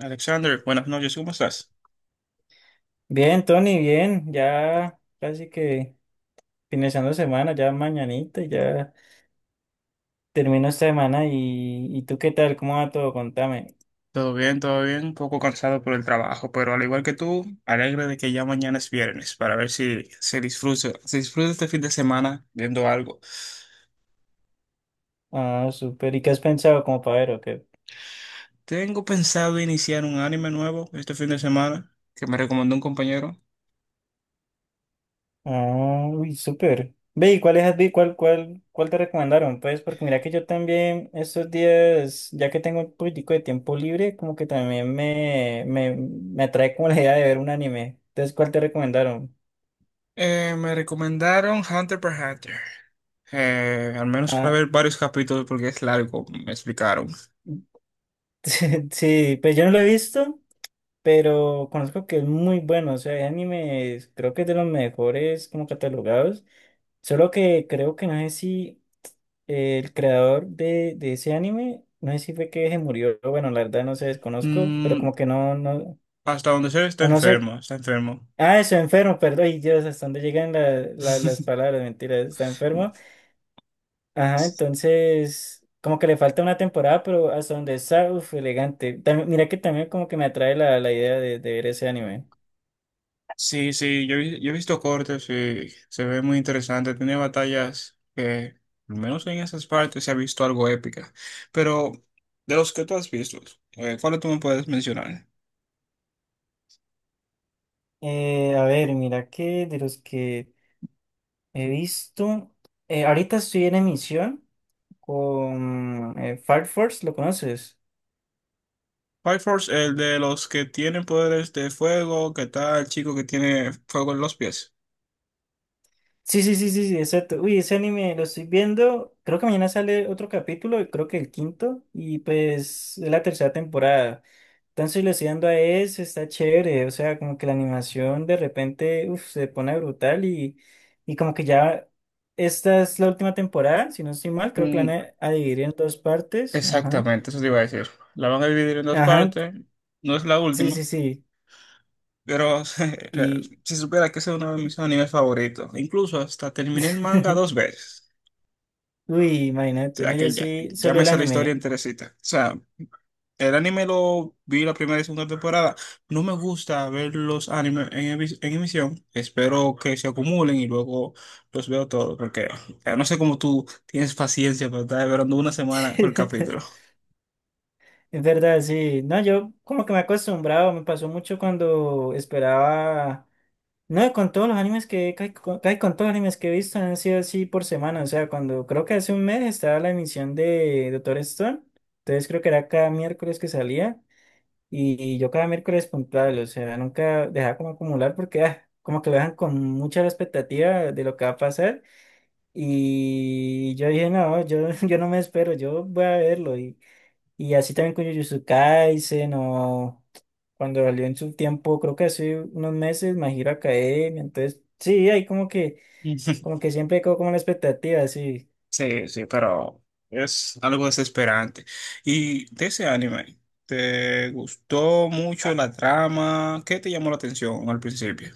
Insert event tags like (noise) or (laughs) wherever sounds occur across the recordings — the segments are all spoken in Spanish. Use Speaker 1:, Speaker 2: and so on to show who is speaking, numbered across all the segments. Speaker 1: Alexander, buenas noches, ¿cómo estás?
Speaker 2: Bien, Tony, bien, ya casi que finalizando semana, ya mañanita, ya termino esta semana ¿y tú qué tal? ¿Cómo va todo? Contame.
Speaker 1: Todo bien, un poco cansado por el trabajo, pero al igual que tú, alegre de que ya mañana es viernes para ver si se disfruta, se disfruta este fin de semana viendo algo.
Speaker 2: Ah, súper. ¿Y qué has pensado como para ver o qué?
Speaker 1: Tengo pensado iniciar un anime nuevo este fin de semana que me recomendó un compañero.
Speaker 2: Ah, uy, súper. Ve, ¿y cuáles has vi- cuál, cuál, cuál te recomendaron? Pues porque mira que yo también estos días, ya que tengo un poquitico de tiempo libre, como que también me atrae como la idea de ver un anime. Entonces, ¿cuál te recomendaron?
Speaker 1: Me recomendaron Hunter x Hunter. Al menos para
Speaker 2: Ah,
Speaker 1: ver varios capítulos porque es largo, me explicaron.
Speaker 2: (laughs) sí, pues yo no lo he visto, pero conozco que es muy bueno, o sea, hay animes, creo que es de los mejores como catalogados, solo que creo que no sé si el creador de ese anime, no sé si fue que se murió, bueno, la verdad no sé, desconozco, pero
Speaker 1: Mm,
Speaker 2: como que
Speaker 1: Hasta donde sé está
Speaker 2: o no sé,
Speaker 1: enfermo, está enfermo.
Speaker 2: ah, está enfermo, perdón, y Dios, hasta dónde llegan las
Speaker 1: (laughs)
Speaker 2: palabras, mentiras, está enfermo, ajá, entonces... Como que le falta una temporada, pero hasta donde está, uff, elegante. Mira que también como que me atrae la idea de ver ese anime.
Speaker 1: Sí, sí, yo he visto cortes y se ve muy interesante. Tiene batallas que, al menos en esas partes, se ha visto algo épica. Pero de los que tú has visto, ¿cuál tú me puedes mencionar?
Speaker 2: A ver, mira que de los que he visto, ahorita estoy en emisión con Fire Force, ¿lo conoces?
Speaker 1: Fire Force, el de los que tienen poderes de fuego, que tal el chico que tiene fuego en los pies?
Speaker 2: Sí, sí, sí, sí, sí, exacto. Uy, ese anime lo estoy viendo, creo que mañana sale otro capítulo, creo que el quinto, y pues es la tercera temporada. Entonces le estoy dando a ese, está chévere, o sea, como que la animación de repente, uf, se pone brutal y como que ya... Esta es la última temporada, si no estoy mal, creo que la van
Speaker 1: Mm,
Speaker 2: a dividir en dos partes. Ajá.
Speaker 1: Exactamente, eso te iba a decir. La van a dividir en dos
Speaker 2: Ajá,
Speaker 1: partes, no es la
Speaker 2: sí,
Speaker 1: última,
Speaker 2: sí, sí.
Speaker 1: pero
Speaker 2: Y.
Speaker 1: (laughs) si supiera que esa es una de mis animes favoritos. Incluso hasta terminé el manga
Speaker 2: (laughs)
Speaker 1: dos veces.
Speaker 2: Uy,
Speaker 1: O
Speaker 2: imagínate, no,
Speaker 1: sea,
Speaker 2: yo
Speaker 1: que ya,
Speaker 2: sí,
Speaker 1: ya
Speaker 2: solo
Speaker 1: me
Speaker 2: el
Speaker 1: sé la historia
Speaker 2: anime.
Speaker 1: enterecita. O sea, el anime lo vi la primera y segunda temporada. No me gusta ver los animes en emisión. Espero que se acumulen y luego los veo todos. Porque o sea, no sé cómo tú tienes paciencia para estar esperando una semana por capítulo.
Speaker 2: (laughs) Es verdad, sí. No, yo como que me he acostumbrado, me pasó mucho cuando esperaba. No, con todos los animes que. Casi con todos los animes que he visto han sido así por semana. O sea, cuando creo que hace un mes estaba la emisión de Doctor Stone. Entonces creo que era cada miércoles que salía. Y yo cada miércoles puntual, o sea, nunca dejaba como acumular porque ah, como que lo dejan con mucha expectativa de lo que va a pasar. Y yo dije, (laughs) yo no me espero, yo voy a verlo. Y así también con Jujutsu Kaisen o cuando salió en su tiempo, creo que hace unos meses, My Hero Academia. Entonces, sí, hay como
Speaker 1: (laughs)
Speaker 2: que siempre quedó como la expectativa, sí.
Speaker 1: Sí, sí, pero es algo desesperante. ¿Y de ese anime, te gustó mucho la trama? ¿Qué te llamó la atención al principio?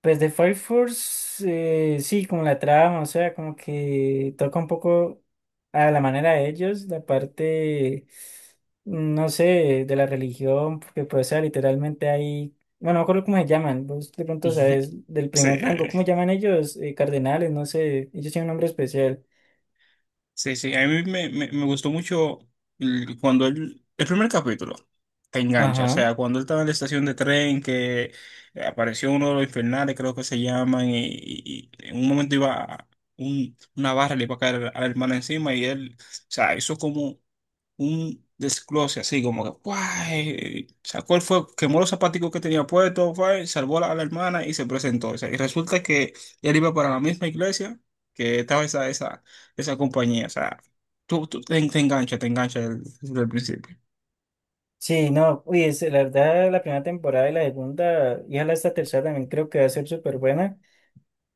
Speaker 2: Pues de Fire Force, sí, como la trama, o sea, como que toca un poco a la manera de ellos, mm, no sé, de la religión, porque pues, o sea, literalmente hay, bueno, no me acuerdo cómo se llaman, vos de pronto
Speaker 1: (laughs)
Speaker 2: sabes, del primer rango, ¿cómo
Speaker 1: Sí.
Speaker 2: llaman ellos? Cardenales, no sé, ellos tienen un nombre especial.
Speaker 1: Sí, sí, a mí me gustó mucho cuando él, el primer capítulo te engancha, o
Speaker 2: Ajá.
Speaker 1: sea, cuando él estaba en la estación de tren que apareció uno de los infernales, creo que se llaman, y en un momento una barra, le iba a caer a la hermana encima y él, o sea, hizo como un desglose así, como que ¡guay! Sacó el fuego, quemó los zapaticos que tenía puestos, ¡guay! Salvó a la hermana y se presentó. O sea, y resulta que él iba para la misma iglesia que estaba esa compañía. O sea, te engancha desde el principio.
Speaker 2: Sí, no, uy, la verdad, la primera temporada y la segunda, y ojalá esta tercera también creo que va a ser súper buena.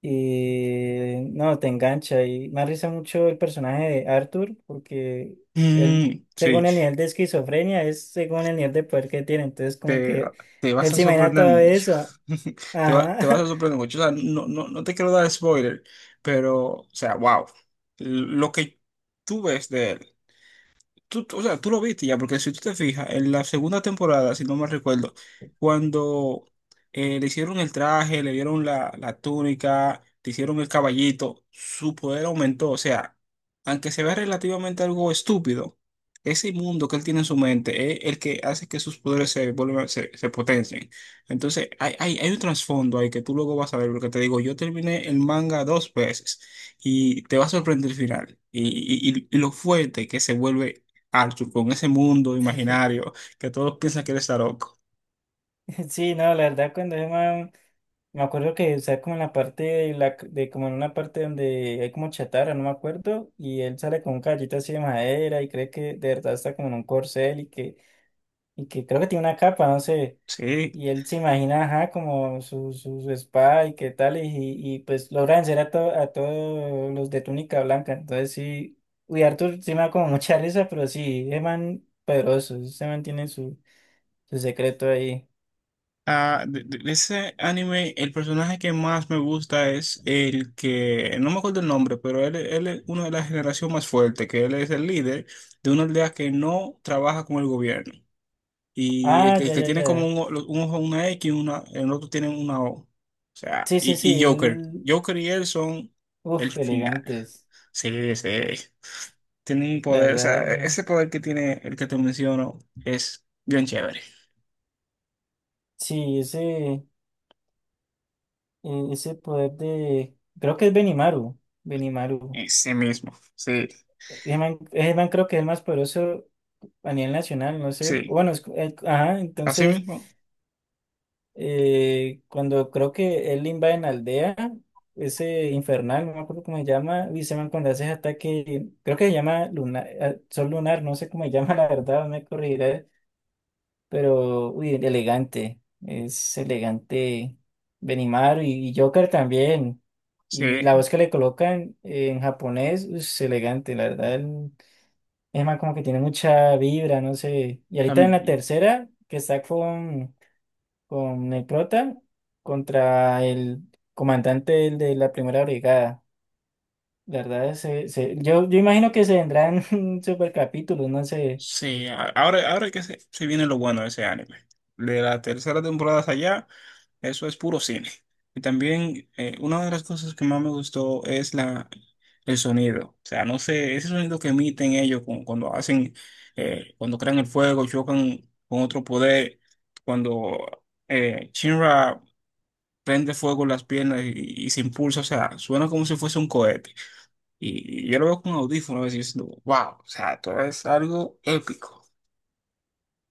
Speaker 2: Y no, te engancha. Y me arriesga mucho el personaje de Arthur, porque él,
Speaker 1: Sí,
Speaker 2: según el nivel de esquizofrenia, es según el nivel de poder que tiene. Entonces, como
Speaker 1: te,
Speaker 2: que
Speaker 1: te vas
Speaker 2: él
Speaker 1: a
Speaker 2: se imagina
Speaker 1: sorprender
Speaker 2: todo
Speaker 1: mucho.
Speaker 2: eso.
Speaker 1: (laughs) Te vas
Speaker 2: Ajá.
Speaker 1: a sorprender mucho. O sea, no te quiero dar spoiler, pero, o sea, wow. Lo que tú ves de él. O sea, tú lo viste ya, porque si tú te fijas, en la segunda temporada, si no me recuerdo, cuando le hicieron el traje, le dieron la túnica, le hicieron el caballito, su poder aumentó. O sea, aunque se vea relativamente algo estúpido, ese mundo que él tiene en su mente es el que hace que sus poderes se se potencien. Entonces, hay un trasfondo ahí que tú luego vas a ver, porque te digo, yo terminé el manga dos veces y te va a sorprender el final y lo fuerte que se vuelve Arthur con ese mundo imaginario que todos piensan que él está loco.
Speaker 2: (laughs) Sí, no, la verdad, me acuerdo que está como en la parte de, la, de como en una parte donde hay como chatarra, no me acuerdo, y él sale con un caballito así de madera y cree que de verdad está como en un corcel y que creo que tiene una capa, no sé.
Speaker 1: Sí.
Speaker 2: Y él se imagina, ajá, como su espada y qué tal, pues logra vencer a, a todos los de túnica blanca. Entonces sí, uy, Arthur sí me da como (laughs) mucha risa, pero sí, es man poderoso, se mantiene su secreto ahí.
Speaker 1: Ah, de ese anime, el personaje que más me gusta es el que, no me acuerdo el nombre, pero él es uno de la generación más fuerte, que él es el líder de una aldea que no trabaja con el gobierno. Y
Speaker 2: Ah,
Speaker 1: el que tiene como
Speaker 2: ya.
Speaker 1: un ojo una X, una, el otro tiene una O. O sea,
Speaker 2: Sí, sí, sí,
Speaker 1: y Joker.
Speaker 2: él,
Speaker 1: Joker y él son el
Speaker 2: uff,
Speaker 1: final.
Speaker 2: elegantes,
Speaker 1: Sí, sí. Tiene un
Speaker 2: la
Speaker 1: poder, o sea,
Speaker 2: verdad.
Speaker 1: ese poder que tiene el que te menciono es bien chévere.
Speaker 2: Sí, ese ese poder de, creo que es Benimaru, Benimaru.
Speaker 1: En sí mismo, sí,
Speaker 2: Ese man creo que es el más poderoso a nivel nacional, no sé.
Speaker 1: sí.
Speaker 2: Bueno, ajá,
Speaker 1: Así
Speaker 2: entonces,
Speaker 1: mismo,
Speaker 2: cuando creo que él invade en aldea, ese infernal, no me acuerdo cómo se llama, y ese man cuando hace ese ataque, creo que se llama Luna, ah, Sol Lunar, no sé cómo se llama, (laughs) la verdad, no me corregirá, pero, uy, elegante, es elegante Benimaru y Joker también. Y
Speaker 1: sí.
Speaker 2: la voz que le colocan en japonés, uy, es elegante, la verdad, es más, como que tiene mucha vibra, no sé. Y ahorita en la tercera, que está con el prota contra el comandante de la primera brigada. La verdad, yo imagino que se vendrán (laughs) super capítulos, no sé.
Speaker 1: Sí, ahora, ahora que se viene lo bueno de ese anime. De la tercera temporada hacia allá, eso es puro cine. Y también una de las cosas que más me gustó es la, el sonido. O sea, no sé, ese sonido que emiten ellos cuando hacen, cuando crean el fuego, chocan con otro poder, cuando Shinra prende fuego en las piernas y se impulsa, o sea, suena como si fuese un cohete. Y yo lo veo con audífonos y diciendo, wow, o sea, todo es algo épico.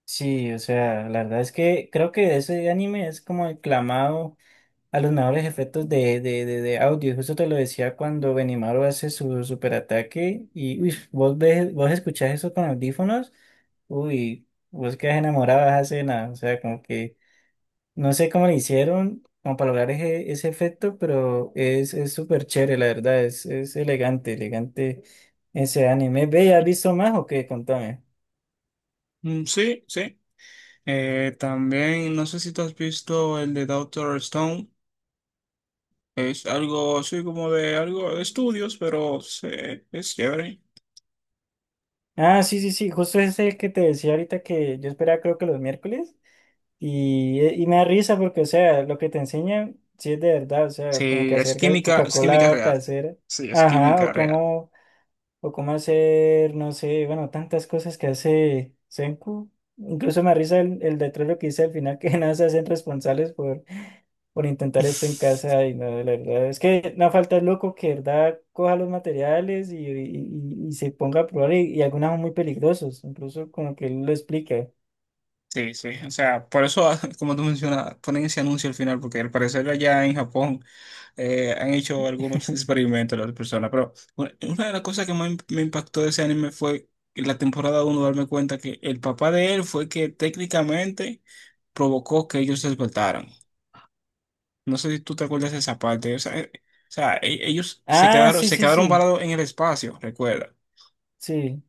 Speaker 2: Sí, o sea, la verdad es que creo que ese anime es como el clamado a los mejores efectos de, de audio. Justo te lo decía cuando Benimaru hace su superataque y uy, vos ves, vos escuchás eso con audífonos, uy, vos quedas enamorado de esa escena. O sea, como que no sé cómo le hicieron como para lograr ese efecto, pero es súper chévere, la verdad, es elegante, elegante ese anime. Ve, ¿has visto más o qué? Contame.
Speaker 1: Sí, sí. También, no sé si tú has visto el de Doctor Stone. Es algo, sí, como de algo de estudios, pero sí, es chévere.
Speaker 2: Ah, sí, sí, sí, justo ese que te decía ahorita que yo esperaba creo que los miércoles. Y me da risa porque, o sea, lo que te enseñan, sí es de verdad, o sea,
Speaker 1: Sí,
Speaker 2: como que hacer
Speaker 1: es química
Speaker 2: Coca-Cola
Speaker 1: real.
Speaker 2: casera,
Speaker 1: Sí, es
Speaker 2: ajá,
Speaker 1: química real.
Speaker 2: o cómo hacer, no sé, bueno, tantas cosas que hace Senku. Incluso me da risa el letrero que dice al final que (laughs) nada se hacen responsables por intentar esto en
Speaker 1: (laughs)
Speaker 2: casa y no, la verdad, es que no falta el loco que, de verdad, coja los materiales y se ponga a probar y algunos son muy peligrosos, incluso como que él lo explica.
Speaker 1: Sí, sí, o sea, por eso, (laughs) como tú mencionas, ponen ese anuncio al final, porque al parecer allá en Japón han hecho algunos
Speaker 2: (laughs)
Speaker 1: experimentos las personas, pero una de las cosas que más me impactó de ese anime fue en la temporada uno darme cuenta que el papá de él fue que técnicamente provocó que ellos se despertaran. No sé si tú te acuerdas de esa parte, o sea, ellos
Speaker 2: Ah, sí,
Speaker 1: se
Speaker 2: sí,
Speaker 1: quedaron
Speaker 2: sí,
Speaker 1: varados en el espacio, recuerda.
Speaker 2: sí.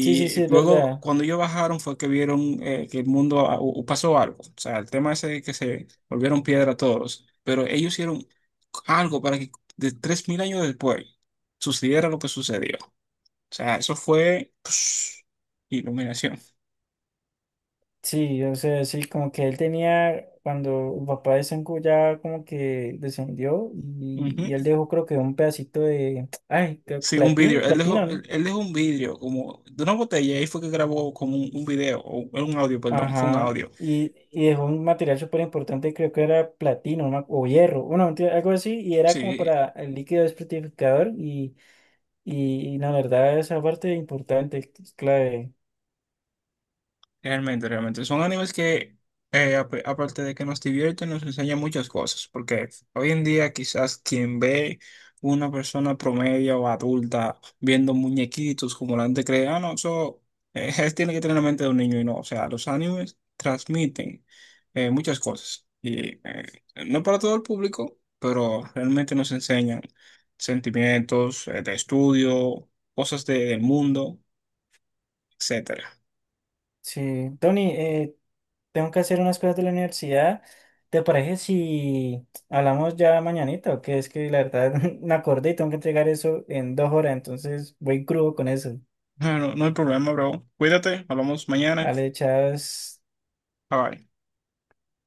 Speaker 2: Sí, sí, sí, es
Speaker 1: luego,
Speaker 2: verdad.
Speaker 1: cuando ellos bajaron, fue que vieron que el mundo pasó algo. O sea, el tema ese de que se volvieron piedra todos. Pero ellos hicieron algo para que de 3.000 años después sucediera lo que sucedió. O sea, eso fue psh, iluminación.
Speaker 2: Sí, o sea, sí, como que él tenía, cuando el papá de Sengoku ya como que descendió y él
Speaker 1: Ujú.
Speaker 2: dejó creo que un pedacito de, ay,
Speaker 1: Sí, un vídeo.
Speaker 2: platín,
Speaker 1: Él dejó,
Speaker 2: platino,
Speaker 1: él,
Speaker 2: ¿no?
Speaker 1: él dejó un vídeo como de una botella. Y ahí fue que grabó como un video, o un audio, perdón. Fue un
Speaker 2: Ajá,
Speaker 1: audio.
Speaker 2: y dejó un material súper importante, creo que era platino ¿no? o hierro, bueno, mentira, algo así, y era como
Speaker 1: Sí,
Speaker 2: para el líquido desprotificador y la verdad esa parte importante, es clave.
Speaker 1: realmente, realmente. Son animes que, aparte de que nos divierten, nos enseñan muchas cosas. Porque hoy en día quizás quien ve una persona promedio o adulta viendo muñequitos como la gente cree, ah, no, eso (laughs) tiene que tener la mente de un niño y no. O sea, los animes transmiten muchas cosas. Y no para todo el público, pero realmente nos enseñan sentimientos, de estudio, cosas del mundo, etcétera.
Speaker 2: Sí, Tony, tengo que hacer unas cosas de la universidad. ¿Te parece si hablamos ya mañanita? Que es que la verdad (laughs) me acordé y tengo que entregar eso en 2 horas, entonces voy crudo con eso.
Speaker 1: Ah, no, no hay problema, bro. Cuídate, hablamos mañana.
Speaker 2: Ale, chao.
Speaker 1: Bye bye.